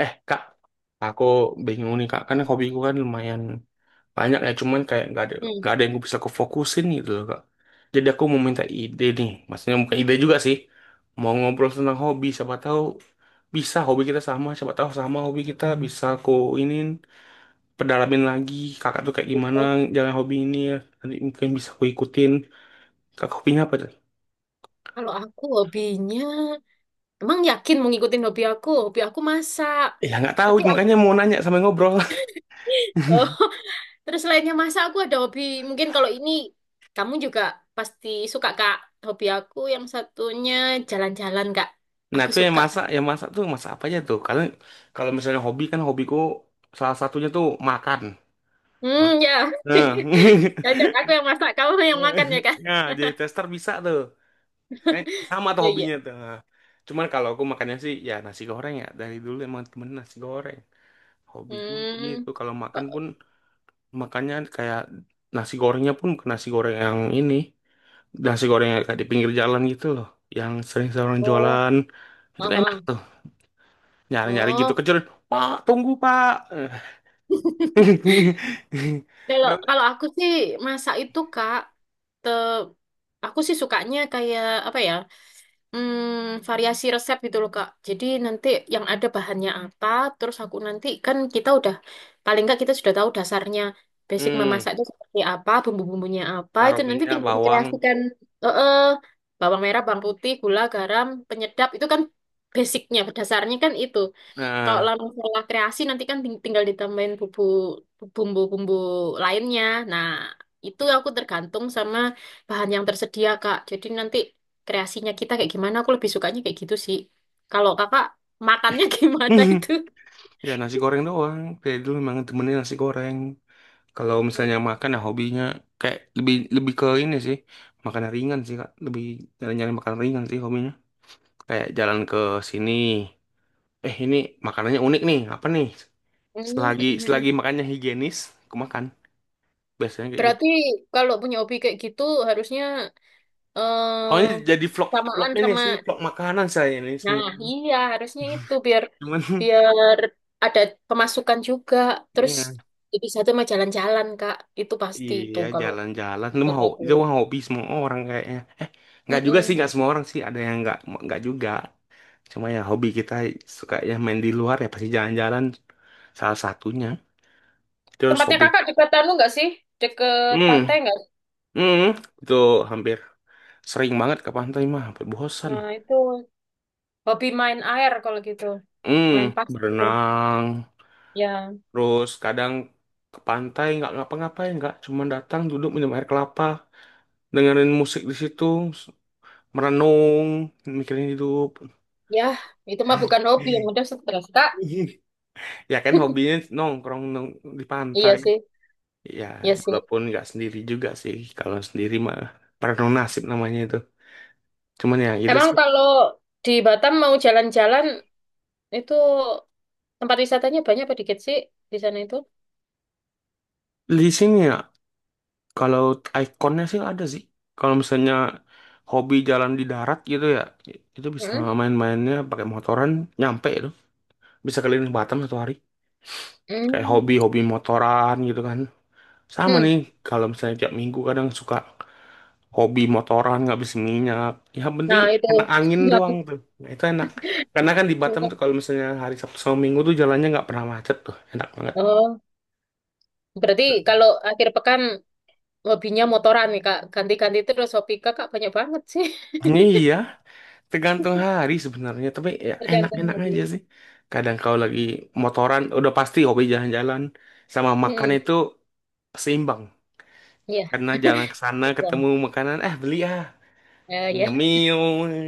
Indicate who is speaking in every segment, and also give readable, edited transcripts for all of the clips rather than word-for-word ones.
Speaker 1: Eh kak, aku bingung nih kak, karena hobiku kan lumayan banyak ya, cuman kayak nggak ada nggak
Speaker 2: Hmm,
Speaker 1: ada yang gue bisa kefokusin gitu loh kak. Jadi aku mau minta ide nih, maksudnya bukan ide juga sih, mau ngobrol tentang hobi, siapa tahu bisa hobi kita sama, siapa tahu sama hobi kita bisa aku ini pedalamin lagi, kakak tuh kayak gimana
Speaker 2: gitu.
Speaker 1: jalan hobi ini ya, nanti mungkin bisa aku ikutin. Kakak hobinya apa tuh?
Speaker 2: Kalau aku hobinya, emang yakin mau ngikutin hobi aku? Hobi aku masak.
Speaker 1: Ya nggak tahu,
Speaker 2: Tapi ada,
Speaker 1: makanya mau nanya sama yang ngobrol.
Speaker 2: oh, terus lainnya masak aku ada hobi. Mungkin kalau ini kamu juga pasti suka Kak. Hobi aku yang satunya jalan-jalan Kak.
Speaker 1: Nah,
Speaker 2: Aku
Speaker 1: itu
Speaker 2: suka.
Speaker 1: yang masak tuh masak apa aja tuh? Karena kalau misalnya hobi kan hobiku salah satunya tuh makan. Ma-
Speaker 2: Hmm, ya.
Speaker 1: Nah,
Speaker 2: Cocok aku yang masak, kamu yang makan ya Kak.
Speaker 1: nah jadi tester bisa tuh. Kayak sama tuh
Speaker 2: Iya, iya.
Speaker 1: hobinya tuh. Nah, Cuman kalau aku makannya sih ya nasi goreng ya. Dari dulu emang temen nasi goreng. Hobiku
Speaker 2: Hmm.
Speaker 1: gitu. Kalau makan pun makannya kayak nasi gorengnya pun bukan nasi goreng yang ini. Nasi goreng yang kayak di pinggir jalan gitu loh. Yang sering-sering
Speaker 2: Oh,
Speaker 1: jualan. Itu
Speaker 2: oh,
Speaker 1: enak
Speaker 2: oh.
Speaker 1: tuh. Nyari-nyari gitu
Speaker 2: Oh.
Speaker 1: kecil pak tunggu pak
Speaker 2: Kalau
Speaker 1: Nah,
Speaker 2: kalau aku sih masak itu Kak. Aku sih sukanya kayak apa ya, variasi resep gitu loh Kak. Jadi nanti yang ada bahannya apa, terus aku nanti kan kita udah paling nggak kita sudah tahu dasarnya basic
Speaker 1: hmm,
Speaker 2: memasak itu seperti apa, bumbu-bumbunya apa, itu
Speaker 1: taruh
Speaker 2: nanti
Speaker 1: minyak
Speaker 2: tinggal
Speaker 1: bawang
Speaker 2: dikreasikan. eh eh, Bawang merah, bawang putih, gula, garam, penyedap itu kan basicnya, dasarnya kan itu. Kalau
Speaker 1: nah
Speaker 2: lah masalah kreasi nanti kan tinggal ditambahin bumbu-bumbu lainnya. Nah, itu aku tergantung sama bahan yang tersedia, Kak. Jadi nanti kreasinya kita kayak gimana, aku lebih sukanya kayak gitu sih. Kalau Kakak makannya gimana itu?
Speaker 1: ya nasi goreng doang dari dulu memang temennya nasi goreng kalau misalnya makan ya hobinya kayak lebih lebih ke ini sih makanan ringan sih kak lebih nyari-nyari makanan ringan sih hobinya kayak jalan ke sini eh ini makanannya unik nih apa nih selagi
Speaker 2: Mm-mm.
Speaker 1: selagi makannya higienis aku makan biasanya kayak gitu
Speaker 2: Berarti kalau punya hobi kayak gitu harusnya
Speaker 1: Oh,
Speaker 2: eh
Speaker 1: ini jadi vlog vlog
Speaker 2: samaan
Speaker 1: ini
Speaker 2: sama.
Speaker 1: sih vlog makanan saya ini
Speaker 2: Nah,
Speaker 1: sebenarnya
Speaker 2: iya harusnya itu biar
Speaker 1: cuman
Speaker 2: biar ada pemasukan juga. Terus
Speaker 1: ya,
Speaker 2: jadi satu mah jalan-jalan, Kak. Itu pasti itu
Speaker 1: iya
Speaker 2: kalau
Speaker 1: jalan-jalan itu
Speaker 2: kata
Speaker 1: mau
Speaker 2: aku.
Speaker 1: itu mah hobi semua orang kayaknya eh nggak juga sih nggak
Speaker 2: Mm-mm.
Speaker 1: semua orang sih ada yang nggak juga cuma ya hobi kita suka ya main di luar ya pasti jalan-jalan salah satunya terus
Speaker 2: Tempatnya
Speaker 1: hobi
Speaker 2: Kakak dekat anu nggak sih? Deket
Speaker 1: hmm
Speaker 2: pantai nggak?
Speaker 1: hmm itu hampir sering banget ke pantai mah hampir bosan
Speaker 2: Nah, itu hobi main air kalau gitu.
Speaker 1: hmm
Speaker 2: Main pasir.
Speaker 1: berenang
Speaker 2: Ya,
Speaker 1: terus kadang ke pantai nggak ngapa-ngapain nggak cuman datang duduk minum air kelapa dengerin musik di situ, merenung, mikirin hidup.
Speaker 2: ya, itu mah bukan hobi yang udah stres, Kak.
Speaker 1: Ya kan hobinya nongkrong di
Speaker 2: Iya
Speaker 1: pantai.
Speaker 2: sih,
Speaker 1: Ya,
Speaker 2: iya sih.
Speaker 1: walaupun nggak sendiri juga sih. Kalau sendiri mah perenung nasib namanya itu. Cuman ya itu
Speaker 2: Emang
Speaker 1: sih.
Speaker 2: kalau di Batam mau jalan-jalan itu tempat wisatanya banyak apa dikit sih di sana itu?
Speaker 1: Di sini ya, kalau ikonnya sih ada sih. Kalau misalnya hobi jalan di darat gitu ya, itu bisa main-mainnya pakai motoran nyampe itu. Bisa keliling Batam satu hari. Kayak
Speaker 2: Hmm.
Speaker 1: hobi-hobi motoran gitu kan. Sama
Speaker 2: Hmm.
Speaker 1: nih, kalau misalnya tiap minggu kadang suka hobi motoran nggak habis minyak. Yang penting
Speaker 2: Nah, itu
Speaker 1: enak angin doang
Speaker 2: lagu.
Speaker 1: tuh. Nah, itu enak. Karena kan di Batam tuh kalau misalnya hari Sabtu sama Minggu tuh jalannya nggak pernah macet tuh. Enak banget.
Speaker 2: Oh, berarti kalau akhir pekan hobinya motoran nih, Kak. Ganti-ganti terus hobi Kakak banyak banget sih.
Speaker 1: Iya, tergantung hari sebenarnya. Tapi ya
Speaker 2: Tergantung
Speaker 1: enak-enak
Speaker 2: lagi.
Speaker 1: aja sih. Kadang kalau lagi motoran, udah pasti hobi jalan-jalan. Sama makan
Speaker 2: Hmm.
Speaker 1: itu seimbang.
Speaker 2: Ya,
Speaker 1: Karena jalan ke sana ketemu
Speaker 2: belum.
Speaker 1: makanan, eh beli ah.
Speaker 2: Eh, ya.
Speaker 1: Nyemil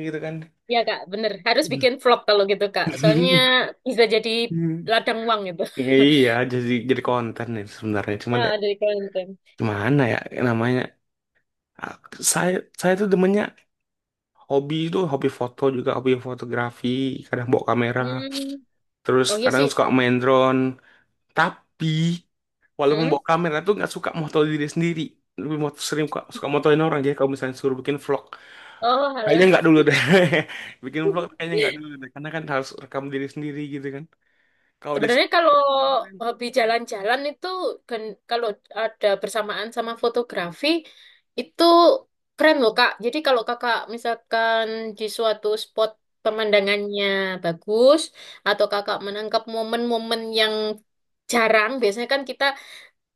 Speaker 1: gitu kan.
Speaker 2: Ya, Kak, bener. Harus bikin vlog kalau gitu, Kak. Soalnya bisa jadi ladang uang gitu.
Speaker 1: Iya, jadi konten itu sebenarnya. Cuman ya,
Speaker 2: Nah, dari konten.
Speaker 1: gimana ya namanya? Ah, Saya saya tuh demennya hobi itu hobi foto juga, hobi fotografi, kadang bawa kamera,
Speaker 2: Hmm.
Speaker 1: terus
Speaker 2: Oh, iya
Speaker 1: kadang
Speaker 2: sih.
Speaker 1: suka main drone. Tapi walaupun
Speaker 2: Hmm.
Speaker 1: bawa kamera tuh nggak suka moto diri sendiri. Lebih moto, sering suka motoin orang. Jadi kalau misalnya suruh bikin vlog,
Speaker 2: Oh,
Speaker 1: kayaknya
Speaker 2: alah.
Speaker 1: nggak dulu deh. Bikin vlog kayaknya nggak dulu deh. Karena kan harus rekam diri sendiri gitu kan. Kalau
Speaker 2: Sebenarnya
Speaker 1: disuruh,
Speaker 2: kalau
Speaker 1: konten,
Speaker 2: hobi jalan-jalan itu kalau ada bersamaan sama fotografi itu keren loh Kak. Jadi kalau Kakak misalkan di suatu spot pemandangannya bagus atau Kakak menangkap momen-momen yang jarang, biasanya kan kita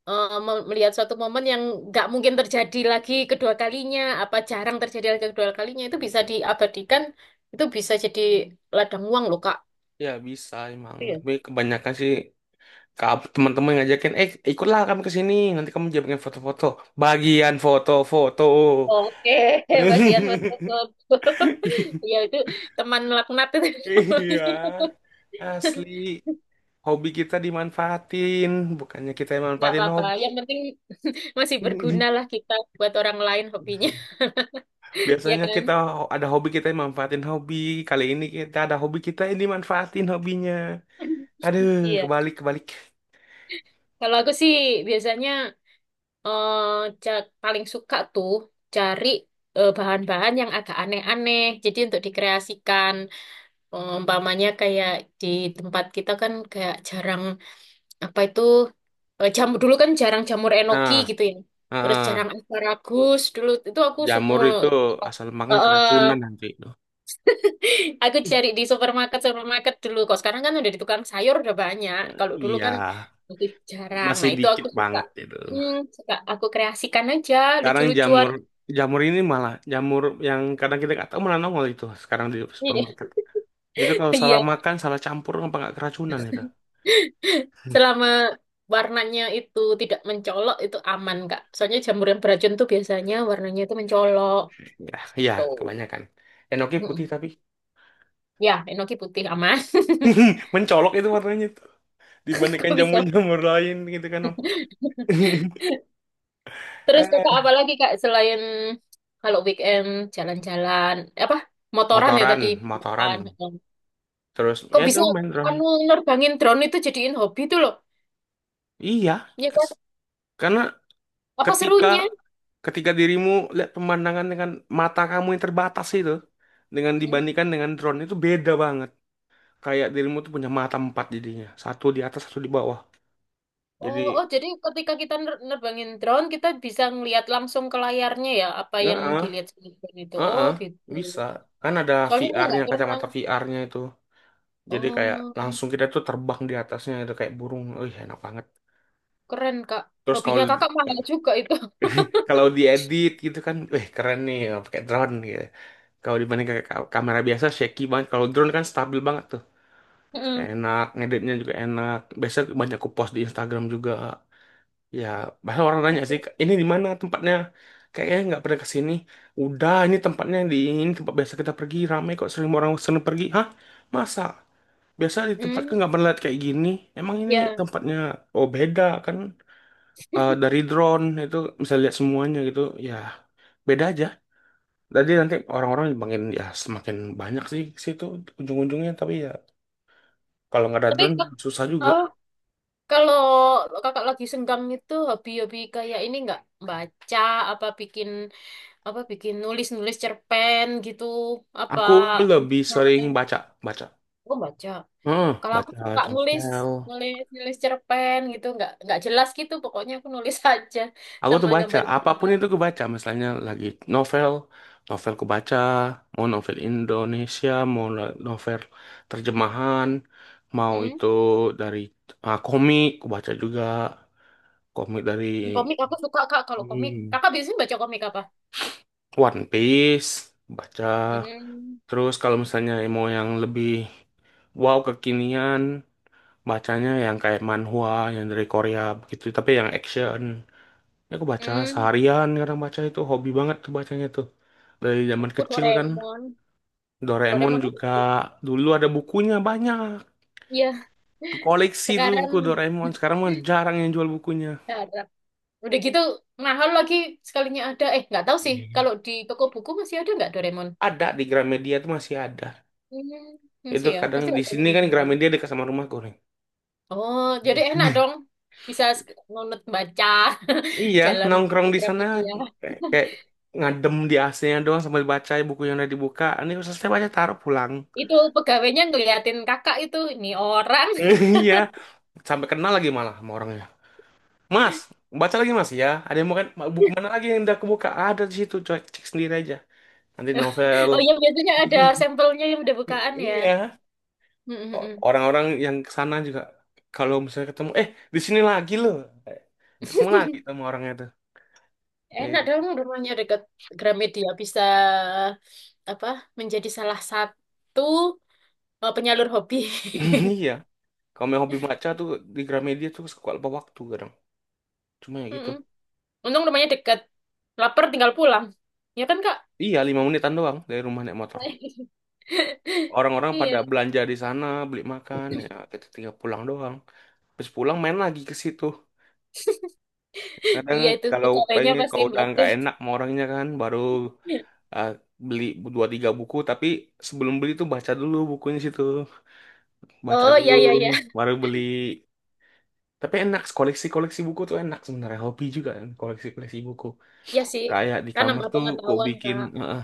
Speaker 2: melihat suatu momen yang nggak mungkin terjadi lagi kedua kalinya, apa jarang terjadi lagi kedua kalinya itu bisa diabadikan, itu bisa jadi ladang uang loh Kak.
Speaker 1: ya bisa emang. Tapi kebanyakan sih Kamu teman-teman ngajakin, eh ikutlah kami ke sini, nanti kamu jamin foto-foto. Bagian foto-foto.
Speaker 2: Oke, bagian tertutup. Ya itu teman melaknat itu namanya.
Speaker 1: Iya, asli. Hobi kita dimanfaatin, bukannya kita yang
Speaker 2: Nggak
Speaker 1: manfaatin
Speaker 2: apa-apa.
Speaker 1: hobi.
Speaker 2: Yang penting masih berguna lah kita buat orang lain hobinya, ya
Speaker 1: Biasanya
Speaker 2: kan?
Speaker 1: kita ada hobi kita yang manfaatin hobi. Kali ini kita ada hobi kita yang dimanfaatin hobinya. Aduh,
Speaker 2: Iya.
Speaker 1: kebalik kebalik.
Speaker 2: Kalau aku sih biasanya paling suka tuh cari bahan-bahan yang agak aneh-aneh. Jadi untuk dikreasikan. Umpamanya kayak di tempat kita kan kayak jarang. Apa itu jamur dulu kan jarang jamur enoki
Speaker 1: Nah,
Speaker 2: gitu ya, terus
Speaker 1: ah,
Speaker 2: jarang asparagus dulu itu aku suka
Speaker 1: jamur
Speaker 2: mulu.
Speaker 1: itu asal makan keracunan
Speaker 2: Eh,
Speaker 1: nanti itu.
Speaker 2: aku cari di supermarket supermarket dulu kok, sekarang kan udah di tukang sayur udah banyak, kalau dulu
Speaker 1: Iya,
Speaker 2: kan masih jarang,
Speaker 1: masih
Speaker 2: nah itu
Speaker 1: dikit
Speaker 2: aku suka.
Speaker 1: banget itu.
Speaker 2: hmm, Suka aku kreasikan aja
Speaker 1: Sekarang
Speaker 2: lucu-lucuan.
Speaker 1: jamur jamur ini malah jamur yang kadang kita nggak tahu malah nongol itu sekarang di
Speaker 2: Iya
Speaker 1: supermarket. Itu kalau
Speaker 2: iya.
Speaker 1: salah makan, salah campur apa nggak keracunan itu?
Speaker 2: Selama warnanya itu tidak mencolok itu aman Kak, soalnya jamur yang beracun tuh biasanya warnanya itu mencolok
Speaker 1: Ya, iya
Speaker 2: tuh.
Speaker 1: kebanyakan. Enoki putih tapi
Speaker 2: Ya, enoki putih aman.
Speaker 1: mencolok itu warnanya itu dibandingkan
Speaker 2: Kok bisa?
Speaker 1: jamur-jamur lain gitu kan Om.
Speaker 2: Terus kakak
Speaker 1: Eh,
Speaker 2: apa lagi Kak, selain kalau weekend jalan-jalan apa motoran ya
Speaker 1: motoran,
Speaker 2: tadi?
Speaker 1: motoran.
Speaker 2: Motoran.
Speaker 1: Terus
Speaker 2: Kok
Speaker 1: ya itu
Speaker 2: bisa
Speaker 1: main drone.
Speaker 2: anu nerbangin drone itu jadiin hobi tuh loh?
Speaker 1: Iya,
Speaker 2: Ya kan?
Speaker 1: kes- karena
Speaker 2: Apa
Speaker 1: ketika
Speaker 2: serunya?
Speaker 1: ketika dirimu lihat pemandangan dengan mata kamu yang terbatas itu dengan
Speaker 2: Hmm.
Speaker 1: dibandingkan dengan drone itu beda banget. Kayak dirimu tuh punya mata empat jadinya. Satu di atas, satu di bawah. Jadi,
Speaker 2: Oh, oh, jadi ketika kita nerbangin drone kita bisa ngelihat langsung ke layarnya ya apa yang
Speaker 1: heeh,
Speaker 2: dilihat sama drone itu. Oh
Speaker 1: heeh,
Speaker 2: gitu.
Speaker 1: bisa. Kan ada
Speaker 2: Soalnya aku
Speaker 1: VR-nya,
Speaker 2: nggak pernah.
Speaker 1: kacamata VR-nya itu. Jadi kayak
Speaker 2: Oh,
Speaker 1: langsung kita tuh terbang di atasnya itu kayak burung. Wih, enak banget.
Speaker 2: keren Kak.
Speaker 1: Terus kalau
Speaker 2: Hobinya kakak mahal juga itu.
Speaker 1: kalau diedit gitu kan, wih keren nih ya, pakai drone gitu. Kalau dibanding kayak kamera biasa shaky banget. Kalau drone kan stabil banget tuh.
Speaker 2: Hmm.
Speaker 1: Enak, ngeditnya juga enak. Biasanya banyak aku post di Instagram juga. Ya, bahkan orang nanya sih, ini di mana tempatnya? Kayaknya nggak pernah ke sini. Udah, ini tempatnya di ini tempat biasa kita pergi. Ramai kok sering orang sering pergi. Hah? Masa? Biasa di tempat kan
Speaker 2: Hmm,
Speaker 1: nggak pernah lihat kayak gini. Emang ini
Speaker 2: ya.
Speaker 1: tempatnya oh beda kan Eh, dari drone itu bisa lihat semuanya gitu. Ya, beda aja. Jadi nanti orang-orang makin ya semakin banyak sih ke situ ujung-ujungnya. Tapi ya kalau nggak ada
Speaker 2: Tapi
Speaker 1: drone
Speaker 2: ke-
Speaker 1: susah juga.
Speaker 2: eh, Kalau kakak lagi senggang itu hobi-hobi kayak ini nggak, baca apa bikin, apa bikin nulis-nulis cerpen gitu apa
Speaker 1: Aku lebih sering
Speaker 2: lain?
Speaker 1: baca.
Speaker 2: Aku baca. Kalau aku suka
Speaker 1: Baca
Speaker 2: nulis
Speaker 1: novel.
Speaker 2: nulis nulis cerpen gitu, nggak jelas gitu pokoknya aku nulis aja,
Speaker 1: Aku
Speaker 2: sama
Speaker 1: tuh baca,
Speaker 2: gambar.
Speaker 1: apapun itu aku baca, misalnya lagi novel, novel aku baca, mau novel Indonesia, mau novel terjemahan, mau
Speaker 2: Hmm.
Speaker 1: itu dari komik, aku baca juga, komik dari
Speaker 2: Komik aku suka Kak kalau komik.
Speaker 1: hmm,
Speaker 2: Kakak biasanya baca komik apa?
Speaker 1: One Piece, baca.
Speaker 2: Hmm.
Speaker 1: Terus kalau misalnya mau yang lebih wow kekinian, bacanya yang kayak manhwa, yang dari Korea begitu, tapi yang action. Ya, aku baca
Speaker 2: Hmm.
Speaker 1: seharian kadang baca itu hobi banget tuh bacanya tuh. Dari zaman
Speaker 2: Aku
Speaker 1: kecil kan
Speaker 2: Doraemon.
Speaker 1: Doraemon
Speaker 2: Doraemon?
Speaker 1: juga dulu ada bukunya banyak.
Speaker 2: Iya.
Speaker 1: Koleksi dulu
Speaker 2: Sekarang.
Speaker 1: buku Doraemon. Sekarang mah jarang yang jual bukunya.
Speaker 2: Nggak ada. Udah gitu mahal lagi sekalinya ada. Eh, nggak tahu sih.
Speaker 1: Iya.
Speaker 2: Kalau di toko buku masih ada nggak Doraemon?
Speaker 1: Ada di Gramedia tuh masih ada.
Speaker 2: Hmm,
Speaker 1: Itu
Speaker 2: masih ya.
Speaker 1: kadang
Speaker 2: Pasti
Speaker 1: di
Speaker 2: ada
Speaker 1: sini
Speaker 2: yang
Speaker 1: kan
Speaker 2: mahal.
Speaker 1: Gramedia dekat sama rumahku nih.
Speaker 2: Oh,
Speaker 1: Iya,
Speaker 2: jadi enak dong. Bisa nunut baca
Speaker 1: Iya,
Speaker 2: jalan
Speaker 1: nongkrong di sana
Speaker 2: Gramedia.
Speaker 1: kayak ngadem di AC-nya doang sambil baca buku yang udah dibuka. Ini selesai baca taruh pulang.
Speaker 2: Itu pegawainya ngeliatin kakak itu. Ini orang.
Speaker 1: Iya, sampai kenal lagi malah sama orangnya. Mas, baca lagi Mas ya. Ada yang mau kan buku mana lagi yang udah kebuka? Ada di situ, coy. Cek sendiri aja. Nanti novel.
Speaker 2: Oh iya, biasanya ada sampelnya yang udah bukaan ya.
Speaker 1: Iya.
Speaker 2: Mm, mm, mm.
Speaker 1: Orang-orang yang ke sana juga kalau misalnya ketemu, eh di sini lagi loh. Ketemu lagi sama orangnya tuh.
Speaker 2: Enak
Speaker 1: Eh,
Speaker 2: dong rumahnya dekat Gramedia. Bisa apa menjadi salah satu penyalur hobi.
Speaker 1: Iya. Kalau yang hobi baca tuh di Gramedia tuh suka lupa waktu kadang. Cuma ya gitu.
Speaker 2: Mm-mm. Untung rumahnya dekat. Laper tinggal pulang. Ya kan, Kak?
Speaker 1: Iya, 5 menitan doang dari rumah naik motor. Orang-orang
Speaker 2: Iya.
Speaker 1: pada belanja di sana, beli makan, ya kita tinggal pulang doang. Terus pulang main lagi ke situ. Kadang
Speaker 2: Iya itu
Speaker 1: kalau
Speaker 2: pegawainya
Speaker 1: pengen
Speaker 2: pasti
Speaker 1: kalau udah nggak
Speaker 2: batin.
Speaker 1: enak sama orangnya kan baru eh, beli dua tiga buku tapi sebelum beli tuh baca dulu bukunya situ baca
Speaker 2: Oh,
Speaker 1: dulu
Speaker 2: iya, iya, iya.
Speaker 1: baru beli tapi enak koleksi koleksi buku tuh enak sebenarnya hobi juga kan koleksi koleksi buku
Speaker 2: Ya sih.
Speaker 1: kayak di
Speaker 2: Kan
Speaker 1: kamar
Speaker 2: nambah
Speaker 1: tuh ku
Speaker 2: pengetahuan,
Speaker 1: bikin
Speaker 2: Kak.
Speaker 1: eh,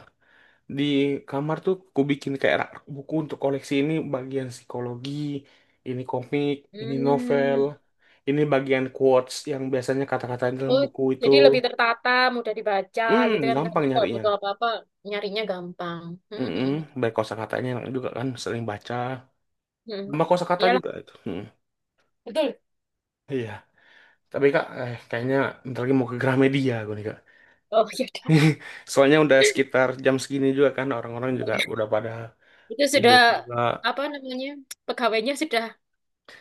Speaker 1: di kamar tuh ku bikin kayak rak buku untuk koleksi ini bagian psikologi ini komik ini novel
Speaker 2: Hmm.
Speaker 1: ini bagian quotes yang biasanya kata kata dalam
Speaker 2: Oh,
Speaker 1: buku itu
Speaker 2: jadi lebih tertata, mudah dibaca gitu kan, Kak.
Speaker 1: gampang
Speaker 2: Jadi kalau
Speaker 1: nyarinya.
Speaker 2: butuh apa-apa, nyarinya gampang.
Speaker 1: Mhm, baik kosakatanya enak juga kan, sering baca.
Speaker 2: Hmm. Hmm.
Speaker 1: Sama kosakata
Speaker 2: Iyalah,
Speaker 1: juga itu, mhm,
Speaker 2: betul.
Speaker 1: iya. Tapi Kak, kayaknya bentar lagi mau ke Gramedia gue nih Kak.
Speaker 2: Oh, ya udah.
Speaker 1: Soalnya udah sekitar jam segini juga kan, orang-orang juga udah pada
Speaker 2: Itu sudah,
Speaker 1: sibuk juga.
Speaker 2: apa namanya, pegawainya sudah,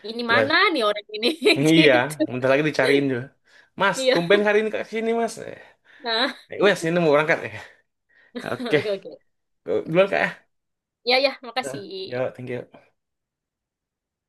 Speaker 2: ini mana
Speaker 1: Udah
Speaker 2: nih orang ini?
Speaker 1: iya,
Speaker 2: gitu.
Speaker 1: bentar lagi dicariin juga. "Mas,
Speaker 2: Iya.
Speaker 1: tumben hari ini Kak kesini Mas." Eh,
Speaker 2: Nah,
Speaker 1: "Wes, ini mau berangkat." ya, oke,
Speaker 2: oke, oke.
Speaker 1: duluan Kak ya.
Speaker 2: Ya, ya,
Speaker 1: Heeh,
Speaker 2: makasih.
Speaker 1: yo, thank you.